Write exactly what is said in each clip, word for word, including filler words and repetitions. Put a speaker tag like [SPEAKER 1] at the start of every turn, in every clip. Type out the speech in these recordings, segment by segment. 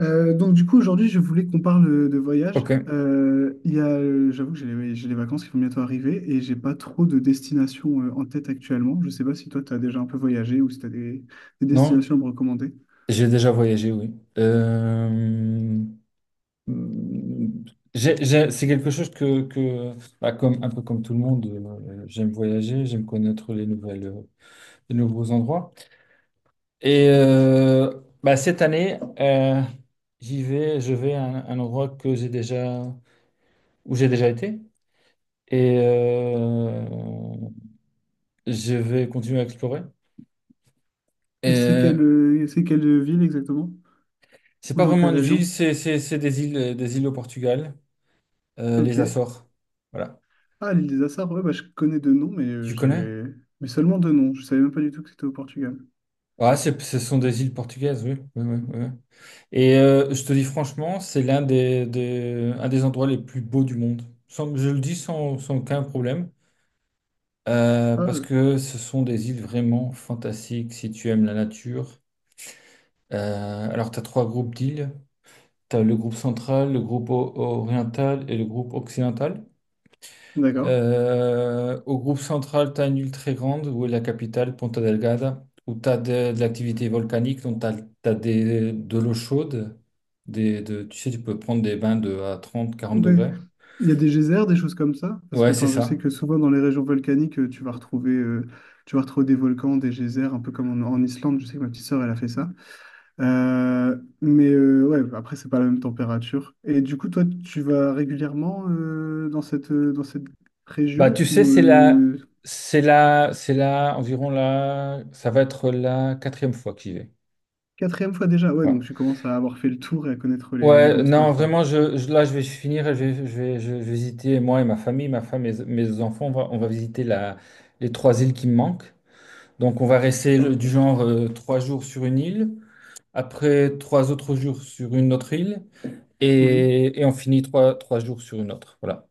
[SPEAKER 1] Euh, donc du coup aujourd'hui je voulais qu'on parle euh, de voyage.
[SPEAKER 2] Ok,
[SPEAKER 1] Euh, il y a, euh, j'avoue que j'ai les, j'ai les vacances qui vont bientôt arriver et j'ai pas trop de destinations euh, en tête actuellement. Je sais pas si toi tu as déjà un peu voyagé ou si tu as des, des
[SPEAKER 2] non,
[SPEAKER 1] destinations à me recommander.
[SPEAKER 2] j'ai déjà voyagé, oui. Euh, mm, j'ai- j'ai- c'est quelque chose que, que bah, comme, un peu comme tout le monde, euh, j'aime voyager, j'aime connaître les nouvelles, euh, les nouveaux endroits. Et euh, bah, cette année, euh, j'y vais, je vais à un, un endroit que j'ai déjà, où j'ai déjà été, et euh, je vais continuer à explorer. Et
[SPEAKER 1] Et c'est
[SPEAKER 2] euh,
[SPEAKER 1] quelle, euh, c'est quelle ville exactement?
[SPEAKER 2] c'est
[SPEAKER 1] Ou
[SPEAKER 2] pas
[SPEAKER 1] dans
[SPEAKER 2] vraiment
[SPEAKER 1] quelle
[SPEAKER 2] une ville,
[SPEAKER 1] région?
[SPEAKER 2] c'est c'est- c'est des îles, des îles au Portugal. Euh, Les
[SPEAKER 1] Ok.
[SPEAKER 2] Açores. Voilà.
[SPEAKER 1] Ah, l'île des Açores, ouais, bah, je connais deux noms mais euh,
[SPEAKER 2] Tu connais?
[SPEAKER 1] j'ai mais seulement deux noms. Je savais même pas du tout que c'était au Portugal.
[SPEAKER 2] Ah, c'est- ce sont des îles portugaises, oui. Oui, oui, oui. Oui. Et euh, je te dis franchement, c'est l'un des, des- un des endroits les plus beaux du monde. Sans- je le dis sans, sans aucun problème, euh,
[SPEAKER 1] Ah,
[SPEAKER 2] parce
[SPEAKER 1] euh,
[SPEAKER 2] que ce sont des îles vraiment fantastiques si tu aimes la nature. Euh, alors, tu as trois groupes d'îles. Tu as le groupe central, le groupe o- oriental et le groupe occidental.
[SPEAKER 1] d'accord.
[SPEAKER 2] Euh, au groupe central, tu as une île très grande où est la capitale, Ponta Delgada, où tu as de, de l'activité volcanique, donc tu as, des, de l'eau chaude. Des, de, tu sais, tu peux prendre des bains de à trente quarante
[SPEAKER 1] Ouais.
[SPEAKER 2] degrés.
[SPEAKER 1] Il y a des geysers, des choses comme ça, parce
[SPEAKER 2] Ouais,
[SPEAKER 1] que
[SPEAKER 2] c'est
[SPEAKER 1] enfin, je sais
[SPEAKER 2] ça.
[SPEAKER 1] que souvent dans les régions volcaniques, euh, tu vas retrouver, euh, tu vas retrouver des volcans, des geysers, un peu comme en, en Islande. Je sais que ma petite sœur, elle a fait ça. Euh, mais euh, ouais, après, c'est pas la même température. Et du coup, toi, tu vas régulièrement euh, dans cette, euh, dans cette
[SPEAKER 2] Bah,
[SPEAKER 1] région
[SPEAKER 2] tu sais,
[SPEAKER 1] ou
[SPEAKER 2] c'est la,
[SPEAKER 1] euh,
[SPEAKER 2] c'est la, c'est la, environ la, ça va être la quatrième fois que j'y vais.
[SPEAKER 1] Quatrième fois déjà. Ouais,
[SPEAKER 2] Ouais.
[SPEAKER 1] donc tu commences à avoir fait le tour et à connaître les, les
[SPEAKER 2] Ouais,
[SPEAKER 1] bons
[SPEAKER 2] non,
[SPEAKER 1] spots, quoi.
[SPEAKER 2] vraiment, je, je- là, je vais finir, et je vais, je vais, je vais visiter, moi et ma famille, ma femme et mes enfants, on va, on va visiter la, les trois îles qui me manquent. Donc, on va rester le- du genre euh, trois jours sur une île, après trois autres jours sur une autre île, et, et on finit trois, trois jours sur une autre. Voilà.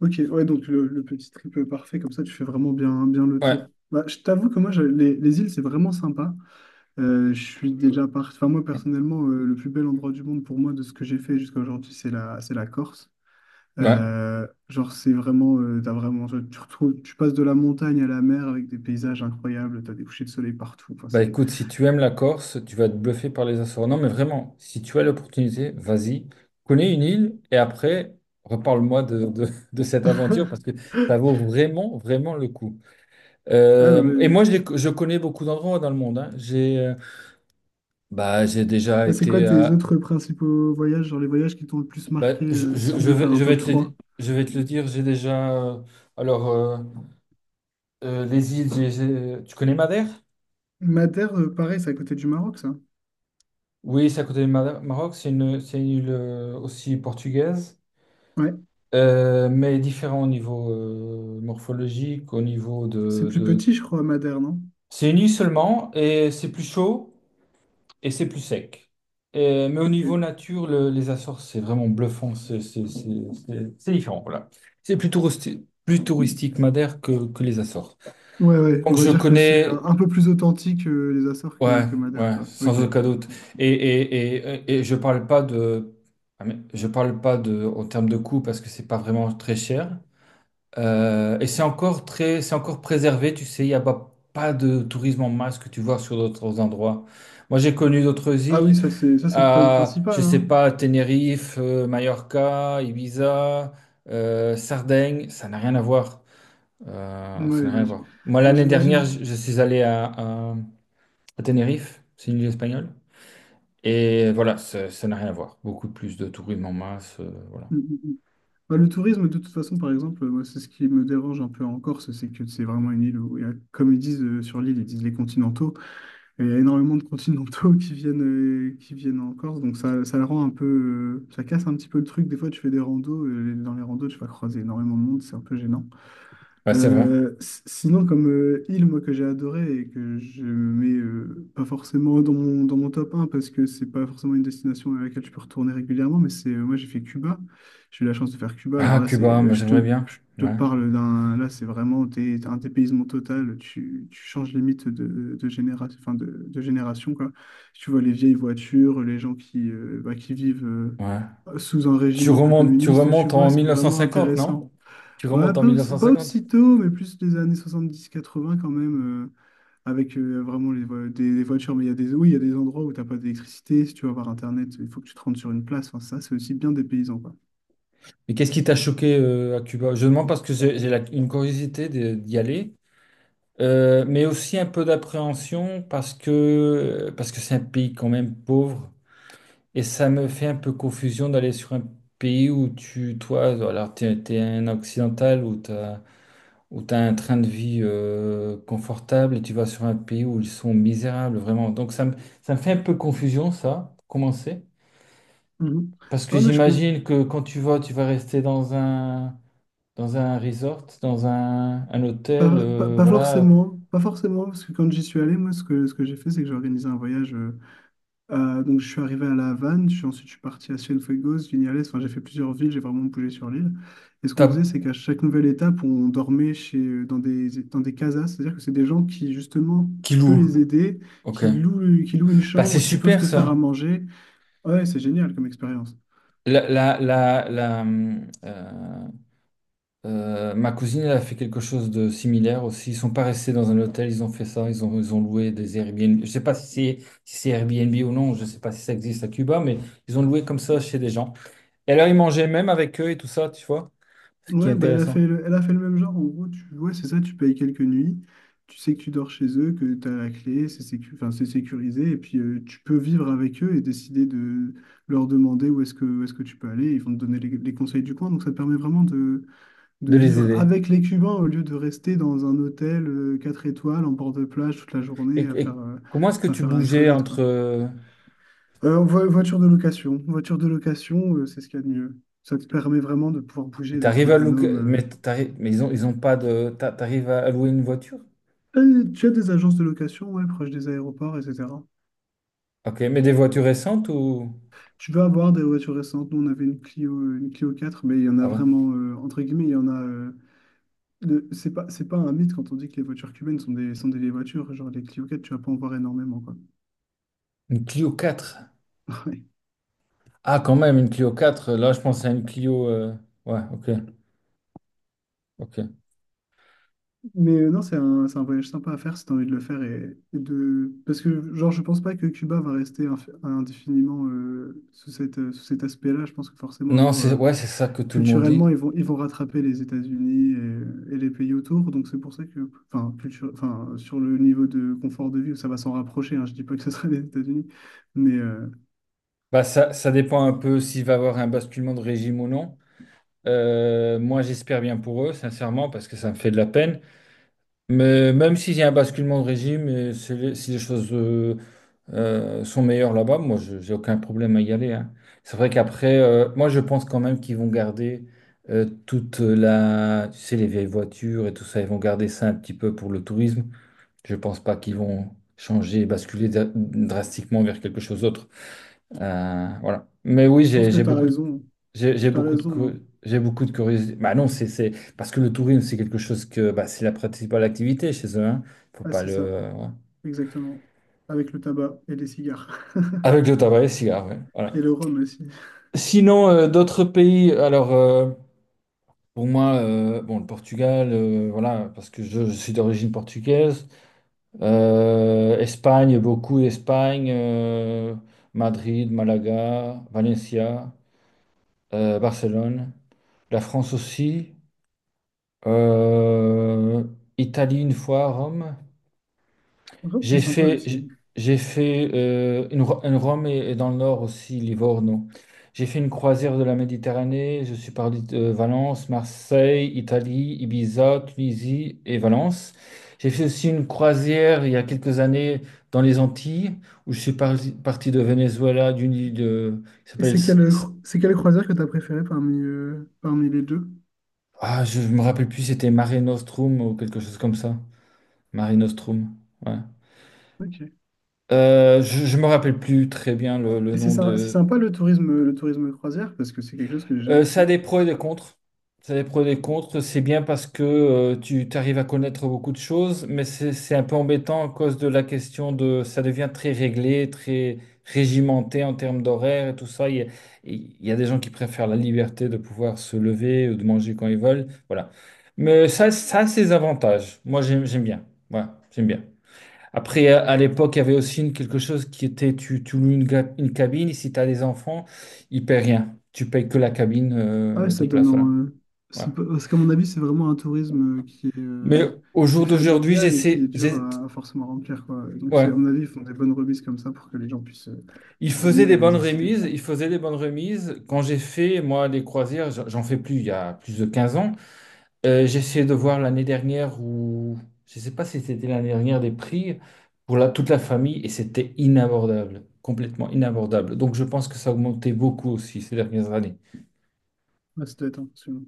[SPEAKER 1] Ok, ouais, donc le, le petit trip parfait, comme ça tu fais vraiment bien, bien le tour.
[SPEAKER 2] Ouais,
[SPEAKER 1] Bah, je t'avoue que moi, je- les, les îles, c'est vraiment sympa. Euh, je suis déjà parti. Enfin, moi, personnellement, euh, le plus bel endroit du monde pour moi, de ce que j'ai fait jusqu'à aujourd'hui, c'est la, c'est la Corse.
[SPEAKER 2] ouais.
[SPEAKER 1] Euh, genre, c'est vraiment, euh, t'as vraiment, tu tu retrouves, tu passes de la montagne à la mer avec des paysages incroyables, t'as des couchers de soleil partout. Enfin,
[SPEAKER 2] Bah
[SPEAKER 1] c'est.
[SPEAKER 2] écoute, si tu aimes la Corse, tu vas être bluffé par les Açores. Non, mais vraiment, si tu as l'opportunité, vas-y, connais une île et après, reparle-moi de, de, de cette aventure parce que ça vaut vraiment, vraiment le coup.
[SPEAKER 1] Ah non,
[SPEAKER 2] Euh, et
[SPEAKER 1] mais.
[SPEAKER 2] moi, je, les- je connais beaucoup d'endroits dans le monde, hein. J'ai euh, bah, j'ai déjà
[SPEAKER 1] Là C'est quoi
[SPEAKER 2] été
[SPEAKER 1] tes
[SPEAKER 2] à
[SPEAKER 1] autres principaux voyages, genre les voyages qui t'ont le plus
[SPEAKER 2] Bah,
[SPEAKER 1] marqué,
[SPEAKER 2] je,
[SPEAKER 1] euh, si
[SPEAKER 2] je,
[SPEAKER 1] tu
[SPEAKER 2] je
[SPEAKER 1] devais faire
[SPEAKER 2] vais,
[SPEAKER 1] un
[SPEAKER 2] je vais
[SPEAKER 1] top
[SPEAKER 2] te le,
[SPEAKER 1] trois?
[SPEAKER 2] je vais te le dire, j'ai déjà... euh, alors, euh, euh, les îles, j'ai- j'ai- tu connais Madère?
[SPEAKER 1] Madère, euh, pareil, c'est à côté du Maroc, ça.
[SPEAKER 2] Oui, c'est à côté du Mada- Maroc, c'est une, c'est une île euh, aussi portugaise,
[SPEAKER 1] Ouais,
[SPEAKER 2] euh, mais différent au niveau euh, morphologique, au niveau
[SPEAKER 1] c'est
[SPEAKER 2] de,
[SPEAKER 1] plus
[SPEAKER 2] de-
[SPEAKER 1] petit, je crois, Madère, non?
[SPEAKER 2] C'est une île seulement, et c'est plus chaud, et c'est plus sec. Et- mais au
[SPEAKER 1] Ok.
[SPEAKER 2] niveau nature, le- les Açores, c'est vraiment bluffant, c'est c'est- c'est- c'est- c'est différent, voilà. C'est plus touristique, plus touristique Madère que, que les Açores.
[SPEAKER 1] Ouais, ouais, on
[SPEAKER 2] Donc
[SPEAKER 1] va
[SPEAKER 2] je
[SPEAKER 1] dire que c'est un
[SPEAKER 2] connais,
[SPEAKER 1] un peu plus authentique euh, les Açores que,
[SPEAKER 2] ouais,
[SPEAKER 1] que Madère,
[SPEAKER 2] ouais,
[SPEAKER 1] quoi.
[SPEAKER 2] sans
[SPEAKER 1] Ok.
[SPEAKER 2] aucun doute. Et, et, et, et et je parle pas de, ah, mais je parle pas de, en termes de coût parce que c'est pas vraiment très cher. Euh, et c'est encore très, c'est encore préservé. Tu sais, il n'y a pas, pas de tourisme en masse que tu vois sur d'autres endroits. Moi, j'ai connu d'autres
[SPEAKER 1] Ah oui,
[SPEAKER 2] îles,
[SPEAKER 1] ça c'est ça c'est le problème
[SPEAKER 2] à,
[SPEAKER 1] principal,
[SPEAKER 2] je sais
[SPEAKER 1] hein.
[SPEAKER 2] pas, Tenerife, euh, Mallorca, Ibiza, euh, Sardaigne. Ça n'a rien à voir. Euh, ça
[SPEAKER 1] Ouais,
[SPEAKER 2] n'a rien
[SPEAKER 1] ouais,
[SPEAKER 2] à
[SPEAKER 1] j-
[SPEAKER 2] voir. Moi,
[SPEAKER 1] ouais,
[SPEAKER 2] l'année dernière,
[SPEAKER 1] j'imagine.
[SPEAKER 2] je je suis allé à, à Tenerife, c'est une île espagnole. Et voilà, ça ça n'a rien à voir. Beaucoup plus de tourisme en masse, euh, voilà.
[SPEAKER 1] Mm, mm, mm. Bah, le tourisme, de toute façon, par exemple, euh, moi, c'est ce qui me dérange un peu en Corse, c'est que c'est vraiment une île où, il y a- comme ils disent euh, sur l'île, ils disent les continentaux. Il y a énormément de continentaux qui viennent, euh, qui viennent en Corse, donc ça, ça le rend un peu. Euh, ça casse un petit peu le truc. Des fois, tu fais des randos, euh, dans les randos, tu vas croiser énormément de monde, c'est un peu gênant.
[SPEAKER 2] Ouais, c'est vrai.
[SPEAKER 1] Euh, s- sinon, comme euh, île, moi, que j'ai adoré et que je mets euh, pas forcément dans mon, dans mon top un parce que c'est pas forcément une destination à laquelle je peux retourner régulièrement, mais c'est euh, moi, j'ai fait Cuba. J'ai eu la chance de faire Cuba. Alors
[SPEAKER 2] Ah,
[SPEAKER 1] là, c'est,
[SPEAKER 2] Cuba,
[SPEAKER 1] euh,
[SPEAKER 2] moi
[SPEAKER 1] je te,
[SPEAKER 2] j'aimerais bien.
[SPEAKER 1] je te
[SPEAKER 2] Ouais,
[SPEAKER 1] parle d'un. Là, c'est vraiment t'es, t'as un dépaysement total. Tu, tu changes limite de, de, généra- enfin, de, de génération, quoi. Si tu vois les vieilles voitures, les gens qui, euh, bah, qui vivent, euh,
[SPEAKER 2] ouais.
[SPEAKER 1] sous un
[SPEAKER 2] Tu
[SPEAKER 1] régime un peu
[SPEAKER 2] remontes, tu
[SPEAKER 1] communiste, tu
[SPEAKER 2] remontes
[SPEAKER 1] vois,
[SPEAKER 2] en
[SPEAKER 1] c'est vraiment
[SPEAKER 2] mille neuf cent cinquante,
[SPEAKER 1] intéressant.
[SPEAKER 2] non? Tu
[SPEAKER 1] Ouais,
[SPEAKER 2] remontes en
[SPEAKER 1] pas, aussi- pas
[SPEAKER 2] mille neuf cent cinquante.
[SPEAKER 1] aussitôt, mais plus des années soixante-dix quatre-vingts quand même, euh, avec euh, vraiment les, vo- des, des voitures. Mais il y a des, oui, il y a des endroits où t'as pas d'électricité. Si tu veux avoir Internet, il faut que tu te rendes sur une place. Enfin, ça, c'est aussi bien des paysans, quoi.
[SPEAKER 2] Mais qu'est-ce qui t'a choqué euh, à Cuba? Je demande parce que j'ai j'ai la- une curiosité de- d'y aller, euh, mais aussi un peu d'appréhension parce que parce que c'est un pays quand même pauvre. Et ça me fait un peu confusion d'aller sur un pays où tu, toi, alors t'es, t'es un occidental où t'as, où t'as un train de vie euh, confortable et tu vas sur un pays où ils sont misérables, vraiment. Donc ça me, ça me fait un peu confusion, ça, pour commencer.
[SPEAKER 1] Mhm.
[SPEAKER 2] Parce que
[SPEAKER 1] Non, mais je com-
[SPEAKER 2] j'imagine que quand tu vas, tu vas rester dans un, dans un resort, dans un, un hôtel,
[SPEAKER 1] pas, pas,
[SPEAKER 2] euh,
[SPEAKER 1] pas
[SPEAKER 2] voilà,
[SPEAKER 1] forcément, pas forcément, parce que quand j'y suis allé, moi, ce que, ce que j'ai fait, c'est que j'ai organisé un voyage. Euh, Euh, donc je suis arrivé à La Havane, je suis ensuite je suis parti à Cienfuegos, Vignales, enfin j'ai fait plusieurs villes, j'ai vraiment bougé sur l'île. Et ce qu'on faisait,
[SPEAKER 2] t'as-
[SPEAKER 1] c'est qu'à chaque nouvelle étape, on dormait chez, dans des, dans des casas, c'est-à-dire que c'est des gens qui justement,
[SPEAKER 2] qui
[SPEAKER 1] tu peux
[SPEAKER 2] loue.
[SPEAKER 1] les aider,
[SPEAKER 2] Ok.
[SPEAKER 1] qui louent, qui louent une
[SPEAKER 2] Bah c'est
[SPEAKER 1] chambre, qui peuvent
[SPEAKER 2] super
[SPEAKER 1] te faire à
[SPEAKER 2] ça.
[SPEAKER 1] manger. Ouais, c'est génial comme expérience.
[SPEAKER 2] La, la, la, la, hum, euh, Euh, ma cousine, elle a fait quelque chose de similaire aussi. Ils sont pas restés dans un hôtel, ils ont fait ça, ils ont, ils ont loué des Airbnb. Je sais pas si c'est si c'est Airbnb ou non, je sais pas si ça existe à Cuba, mais ils ont loué comme ça chez des gens. Et alors, ils mangeaient même avec eux et tout ça, tu vois, ce qui est
[SPEAKER 1] Ouais, bah elle a fait
[SPEAKER 2] intéressant,
[SPEAKER 1] le, elle a fait le même genre. En gros, tu, ouais, c'est ça, tu payes quelques nuits, tu sais que tu dors chez eux, que tu as la clé, c'est sécu- enfin, c'est sécurisé, et puis euh, tu peux vivre avec eux et décider de leur demander où est-ce que, où est-ce que tu peux aller. Ils vont te donner les, les conseils du coin, donc ça te permet vraiment de, de
[SPEAKER 2] de les
[SPEAKER 1] vivre
[SPEAKER 2] aider.
[SPEAKER 1] avec les Cubains au lieu de rester dans un hôtel euh, quatre étoiles en bord de plage toute la
[SPEAKER 2] Et,
[SPEAKER 1] journée à
[SPEAKER 2] et
[SPEAKER 1] faire, euh,
[SPEAKER 2] comment est-ce que
[SPEAKER 1] à
[SPEAKER 2] tu
[SPEAKER 1] faire la
[SPEAKER 2] bougeais
[SPEAKER 1] crevette,
[SPEAKER 2] entre...
[SPEAKER 1] quoi. Euh, vo- voiture de location, voiture de location, euh, c'est ce qu'il y a de mieux. Ça te permet vraiment de pouvoir
[SPEAKER 2] Et
[SPEAKER 1] bouger, d'être
[SPEAKER 2] t'arrives à
[SPEAKER 1] autonome.
[SPEAKER 2] louer. Mais,
[SPEAKER 1] euh,
[SPEAKER 2] t'arrives- mais ils ont, ils ont pas de. t'a- T'arrives à louer une voiture?
[SPEAKER 1] Euh, Tu as des agences de location, ouais, proches des aéroports, et cetera.
[SPEAKER 2] Ok, mais des voitures récentes ou.
[SPEAKER 1] Tu vas avoir des voitures récentes. Nous, on avait une Clio, une Clio quatre, mais il y en a
[SPEAKER 2] Ah bon?
[SPEAKER 1] vraiment, euh, entre guillemets, il y en a. Euh, le- c'est pas, c'est pas un mythe quand on dit que les voitures cubaines sont des, sont des vieilles voitures. Genre, les Clio quatre, tu vas pas en voir énormément, quoi.
[SPEAKER 2] Une Clio quatre.
[SPEAKER 1] Ouais.
[SPEAKER 2] Ah, quand même, une Clio quatre. Là, je pense à une Clio. euh, Ouais, ok, ok.
[SPEAKER 1] Mais euh, non, c'est un, c'est un voyage sympa à faire si tu as envie de le faire. Et, et de... Parce que, genre, je pense pas que Cuba va rester inf- indéfiniment euh, sous cette, euh, sous cet aspect-là. Je pense que forcément, un
[SPEAKER 2] Non,
[SPEAKER 1] jour,
[SPEAKER 2] c'est
[SPEAKER 1] euh,
[SPEAKER 2] ouais, c'est ça que tout le monde
[SPEAKER 1] culturellement,
[SPEAKER 2] dit.
[SPEAKER 1] ils vont, ils vont rattraper les États-Unis et, et les pays autour. Donc c'est pour ça que, enfin, culture, enfin, sur le niveau de confort de vie, ça va s'en rapprocher, hein. Je dis pas que ce sera les États-Unis, mais euh, je
[SPEAKER 2] Bah, ça, ça dépend un peu s'il va y avoir un basculement de régime ou non. Euh, moi, j'espère bien pour eux, sincèrement, parce que ça me fait de la peine. Mais même s'il y a un basculement de régime, et si les, si les choses euh, euh, sont meilleures là-bas, moi, je- j'ai aucun problème à y aller, hein. C'est vrai qu'après, euh, moi, je pense quand même qu'ils vont garder euh, toute la, tu sais, les vieilles voitures et tout ça, ils vont garder ça un petit peu pour le tourisme. Je pense pas qu'ils vont changer, basculer dra- drastiquement vers quelque chose d'autre. Euh, voilà. Mais oui,
[SPEAKER 1] pense
[SPEAKER 2] j'ai
[SPEAKER 1] que
[SPEAKER 2] j'ai
[SPEAKER 1] tu as
[SPEAKER 2] beaucoup de,
[SPEAKER 1] raison.
[SPEAKER 2] j'ai j'ai
[SPEAKER 1] Tu as
[SPEAKER 2] beaucoup de,
[SPEAKER 1] raison, hein.
[SPEAKER 2] cu- j'ai beaucoup de curiosité. Bah non, c'est c'est- parce que le tourisme, c'est quelque chose que bah, c'est la principale activité chez eux, hein. Faut
[SPEAKER 1] Ah,
[SPEAKER 2] pas
[SPEAKER 1] c'est ça,
[SPEAKER 2] le. Ouais.
[SPEAKER 1] exactement. Avec le tabac et les cigares.
[SPEAKER 2] Avec le tabac et les cigares, ouais. Voilà.
[SPEAKER 1] Et le rhum aussi.
[SPEAKER 2] Sinon, euh, d'autres pays. Alors, euh, pour moi, euh, bon, le Portugal, euh, voilà, parce que je, je suis d'origine portugaise. Euh, Espagne, beaucoup Espagne, euh, Madrid, Malaga, Valencia, euh, Barcelone. La France aussi. Euh, Italie une fois, Rome.
[SPEAKER 1] Le rhum, c'est
[SPEAKER 2] J'ai
[SPEAKER 1] sympa
[SPEAKER 2] fait,
[SPEAKER 1] aussi.
[SPEAKER 2] j'ai j'ai fait euh, une, Ro- une Rome et, et dans le nord aussi, Livorno. J'ai fait une croisière de la Méditerranée. Je suis parti de euh, Valence, Marseille, Italie, Ibiza, Tunisie et Valence. J'ai fait aussi une croisière il y a quelques années dans les Antilles, où je suis parti, parti de Venezuela, d'une île de, qui
[SPEAKER 1] Et
[SPEAKER 2] s'appelle,
[SPEAKER 1] c'est
[SPEAKER 2] S-
[SPEAKER 1] quelle,
[SPEAKER 2] S-
[SPEAKER 1] cro- c'est quelle croisière que tu as préférée parmi, euh, parmi les deux?
[SPEAKER 2] ah, je me rappelle plus, c'était Mare Nostrum ou quelque chose comme ça. Mare Nostrum, ouais.
[SPEAKER 1] Ok.
[SPEAKER 2] Euh, je, je me rappelle plus très bien le, le
[SPEAKER 1] Et c'est
[SPEAKER 2] nom
[SPEAKER 1] sy- c'est
[SPEAKER 2] de,
[SPEAKER 1] sympa le tourisme, le tourisme croisière parce que c'est quelque chose que j'ai
[SPEAKER 2] Euh,
[SPEAKER 1] jamais
[SPEAKER 2] Ça
[SPEAKER 1] fait.
[SPEAKER 2] a des pros et des contres. Ça a des pros et des contres. C'est bien parce que euh, tu arrives à connaître beaucoup de choses, mais c'est c'est un peu embêtant à cause de la question de. Ça devient très réglé, très régimenté en termes d'horaire et tout ça. Il y a, il y a des gens qui préfèrent la liberté de pouvoir se lever ou de manger quand ils veulent. Voilà. Mais ça, ça a ses avantages. Moi, j'aime j'aime bien. Voilà, j'aime bien. Après, à à l'époque, il y avait aussi une- quelque chose qui était, tu, tu loues une, ga- une cabine, et si tu as des enfants, ils ne paient rien. Tu payes que la cabine
[SPEAKER 1] Ah ouais,
[SPEAKER 2] euh, de
[SPEAKER 1] ça donne
[SPEAKER 2] place, voilà.
[SPEAKER 1] en- euh, c'est pas-
[SPEAKER 2] Voilà.
[SPEAKER 1] parce qu'à mon avis, c'est vraiment un tourisme euh, qui est,
[SPEAKER 2] Mais
[SPEAKER 1] euh,
[SPEAKER 2] au
[SPEAKER 1] qui est
[SPEAKER 2] jour d'aujourd'hui,
[SPEAKER 1] familial et qui
[SPEAKER 2] j'essaie,
[SPEAKER 1] est dur
[SPEAKER 2] j'ai-
[SPEAKER 1] à, à forcément remplir, quoi. Et donc,
[SPEAKER 2] ouais.
[SPEAKER 1] c'est, à mon avis, ils font des bonnes remises comme ça pour que les gens puissent, euh,
[SPEAKER 2] Ils
[SPEAKER 1] puissent
[SPEAKER 2] faisaient
[SPEAKER 1] venir
[SPEAKER 2] des
[SPEAKER 1] et les
[SPEAKER 2] bonnes
[SPEAKER 1] inciter.
[SPEAKER 2] remises, ils faisaient des bonnes remises. Quand j'ai fait, moi, les croisières, j'en j'en fais plus il y a plus de quinze ans. Euh, j'ai essayé de voir l'année dernière où je ne sais pas si c'était l'année dernière des prix pour la, toute la famille et c'était inabordable, complètement inabordable. Donc je pense que ça a augmenté beaucoup aussi ces dernières années.
[SPEAKER 1] Ouais, ça doit être impressionnant.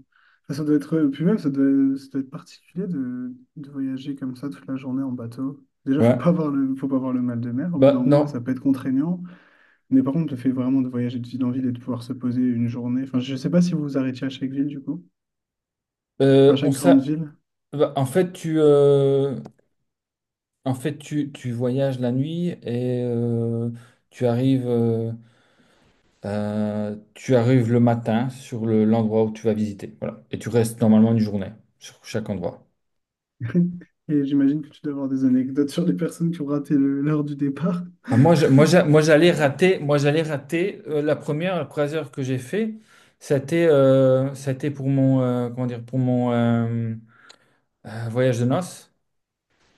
[SPEAKER 1] Enfin, Ça doit être, euh, puis même, ça doit, ça doit être particulier de, de voyager comme ça toute la journée en bateau. Déjà,
[SPEAKER 2] Ouais.
[SPEAKER 1] faut pas avoir le, faut pas avoir le mal de mer. Au bout d'un
[SPEAKER 2] Bah
[SPEAKER 1] moment, ouais, ça
[SPEAKER 2] non.
[SPEAKER 1] peut être contraignant. Mais par contre, le fait vraiment de voyager de ville en ville et de pouvoir se poser une journée. Enfin, je sais pas si vous vous arrêtiez à chaque ville, du coup. Enfin,
[SPEAKER 2] Euh, on
[SPEAKER 1] chaque grande
[SPEAKER 2] s'a-
[SPEAKER 1] ville.
[SPEAKER 2] Bah, en fait tu euh, en fait tu, tu voyages la nuit et euh, tu arrives euh, euh, tu arrives le matin sur le- l'endroit où tu vas visiter. Voilà. Et tu restes normalement une journée sur chaque endroit.
[SPEAKER 1] Et j'imagine que tu dois avoir des anecdotes sur les personnes qui ont raté le- l'heure du départ.
[SPEAKER 2] Ah, moi, je- moi, j'a- moi, j'allais rater, moi, j'allais rater euh, la première croisière que j'ai fait. C'était, euh, c'était pour mon, euh, comment dire, pour mon euh, euh, voyage de noces.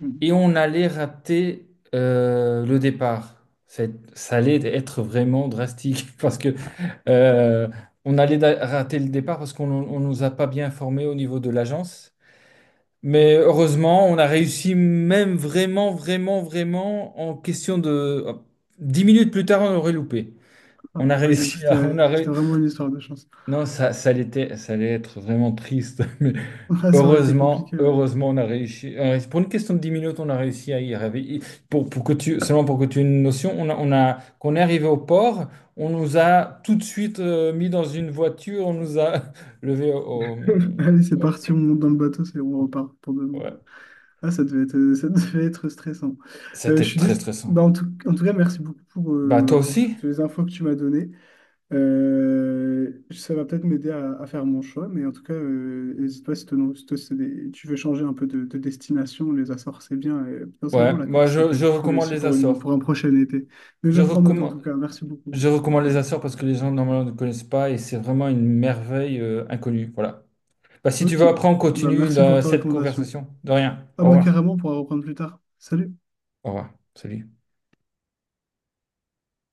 [SPEAKER 1] Mhm.
[SPEAKER 2] Et on allait rater euh, le départ. C'est- Ça allait être vraiment drastique parce que euh, on allait da- rater le départ parce qu'on on nous a pas bien formés au niveau de l'agence. Mais heureusement, on a réussi même vraiment, vraiment, vraiment en question de. Hop, dix minutes plus tard, on aurait loupé.
[SPEAKER 1] Ah,
[SPEAKER 2] On a
[SPEAKER 1] ouais, donc
[SPEAKER 2] réussi à.
[SPEAKER 1] c'était
[SPEAKER 2] On a
[SPEAKER 1] c'était
[SPEAKER 2] ré-
[SPEAKER 1] vraiment une histoire de chance.
[SPEAKER 2] Non, ça, ça allait être, ça allait être vraiment triste. Mais
[SPEAKER 1] Ah, ça aurait été
[SPEAKER 2] heureusement,
[SPEAKER 1] compliqué, ouais.
[SPEAKER 2] heureusement, on a réussi. Euh, pour une question de dix minutes, on a réussi à y arriver. Pour, pour que tu, seulement pour que tu aies une notion, on a, on a, quand on est arrivé au port, on nous a tout de suite euh, mis dans une voiture, on nous a levé au... au-
[SPEAKER 1] Allez, c'est
[SPEAKER 2] euh,
[SPEAKER 1] parti, on monte dans le bateau, c'est on repart pour demain.
[SPEAKER 2] ouais.
[SPEAKER 1] Ah, ça devait être, euh, ça devait être stressant. Euh, je
[SPEAKER 2] C'était
[SPEAKER 1] suis
[SPEAKER 2] très
[SPEAKER 1] dés-
[SPEAKER 2] stressant.
[SPEAKER 1] bah, en tout, en tout cas, merci beaucoup pour,
[SPEAKER 2] Bah
[SPEAKER 1] euh, bah,
[SPEAKER 2] toi
[SPEAKER 1] pour
[SPEAKER 2] aussi?
[SPEAKER 1] toutes les infos que tu m'as données. Euh, ça va peut-être m'aider à, à faire mon choix, mais en tout cas, euh, n'hésite pas si, te- si te- c'est des- tu veux changer un peu de, de destination. Les Açores, c'est bien. Et
[SPEAKER 2] Ouais,
[SPEAKER 1] potentiellement, la
[SPEAKER 2] moi
[SPEAKER 1] Corse, ça
[SPEAKER 2] je,
[SPEAKER 1] peut
[SPEAKER 2] je
[SPEAKER 1] être cool
[SPEAKER 2] recommande
[SPEAKER 1] aussi
[SPEAKER 2] les
[SPEAKER 1] pour une,
[SPEAKER 2] Açores.
[SPEAKER 1] pour un prochain été. Mais
[SPEAKER 2] Je
[SPEAKER 1] je prends note en tout
[SPEAKER 2] recommande,
[SPEAKER 1] cas. Merci beaucoup.
[SPEAKER 2] je recommande les Açores parce que les gens normalement ne connaissent pas et c'est vraiment une merveille euh, inconnue. Voilà. Bah, si tu
[SPEAKER 1] Ok.
[SPEAKER 2] veux après, on
[SPEAKER 1] Bah,
[SPEAKER 2] continue
[SPEAKER 1] merci pour
[SPEAKER 2] euh,
[SPEAKER 1] ta
[SPEAKER 2] cette
[SPEAKER 1] recommandation.
[SPEAKER 2] conversation. De rien.
[SPEAKER 1] Ah,
[SPEAKER 2] Au
[SPEAKER 1] bah,
[SPEAKER 2] revoir.
[SPEAKER 1] carrément, on pourra reprendre plus tard. Salut.
[SPEAKER 2] Au revoir. Salut.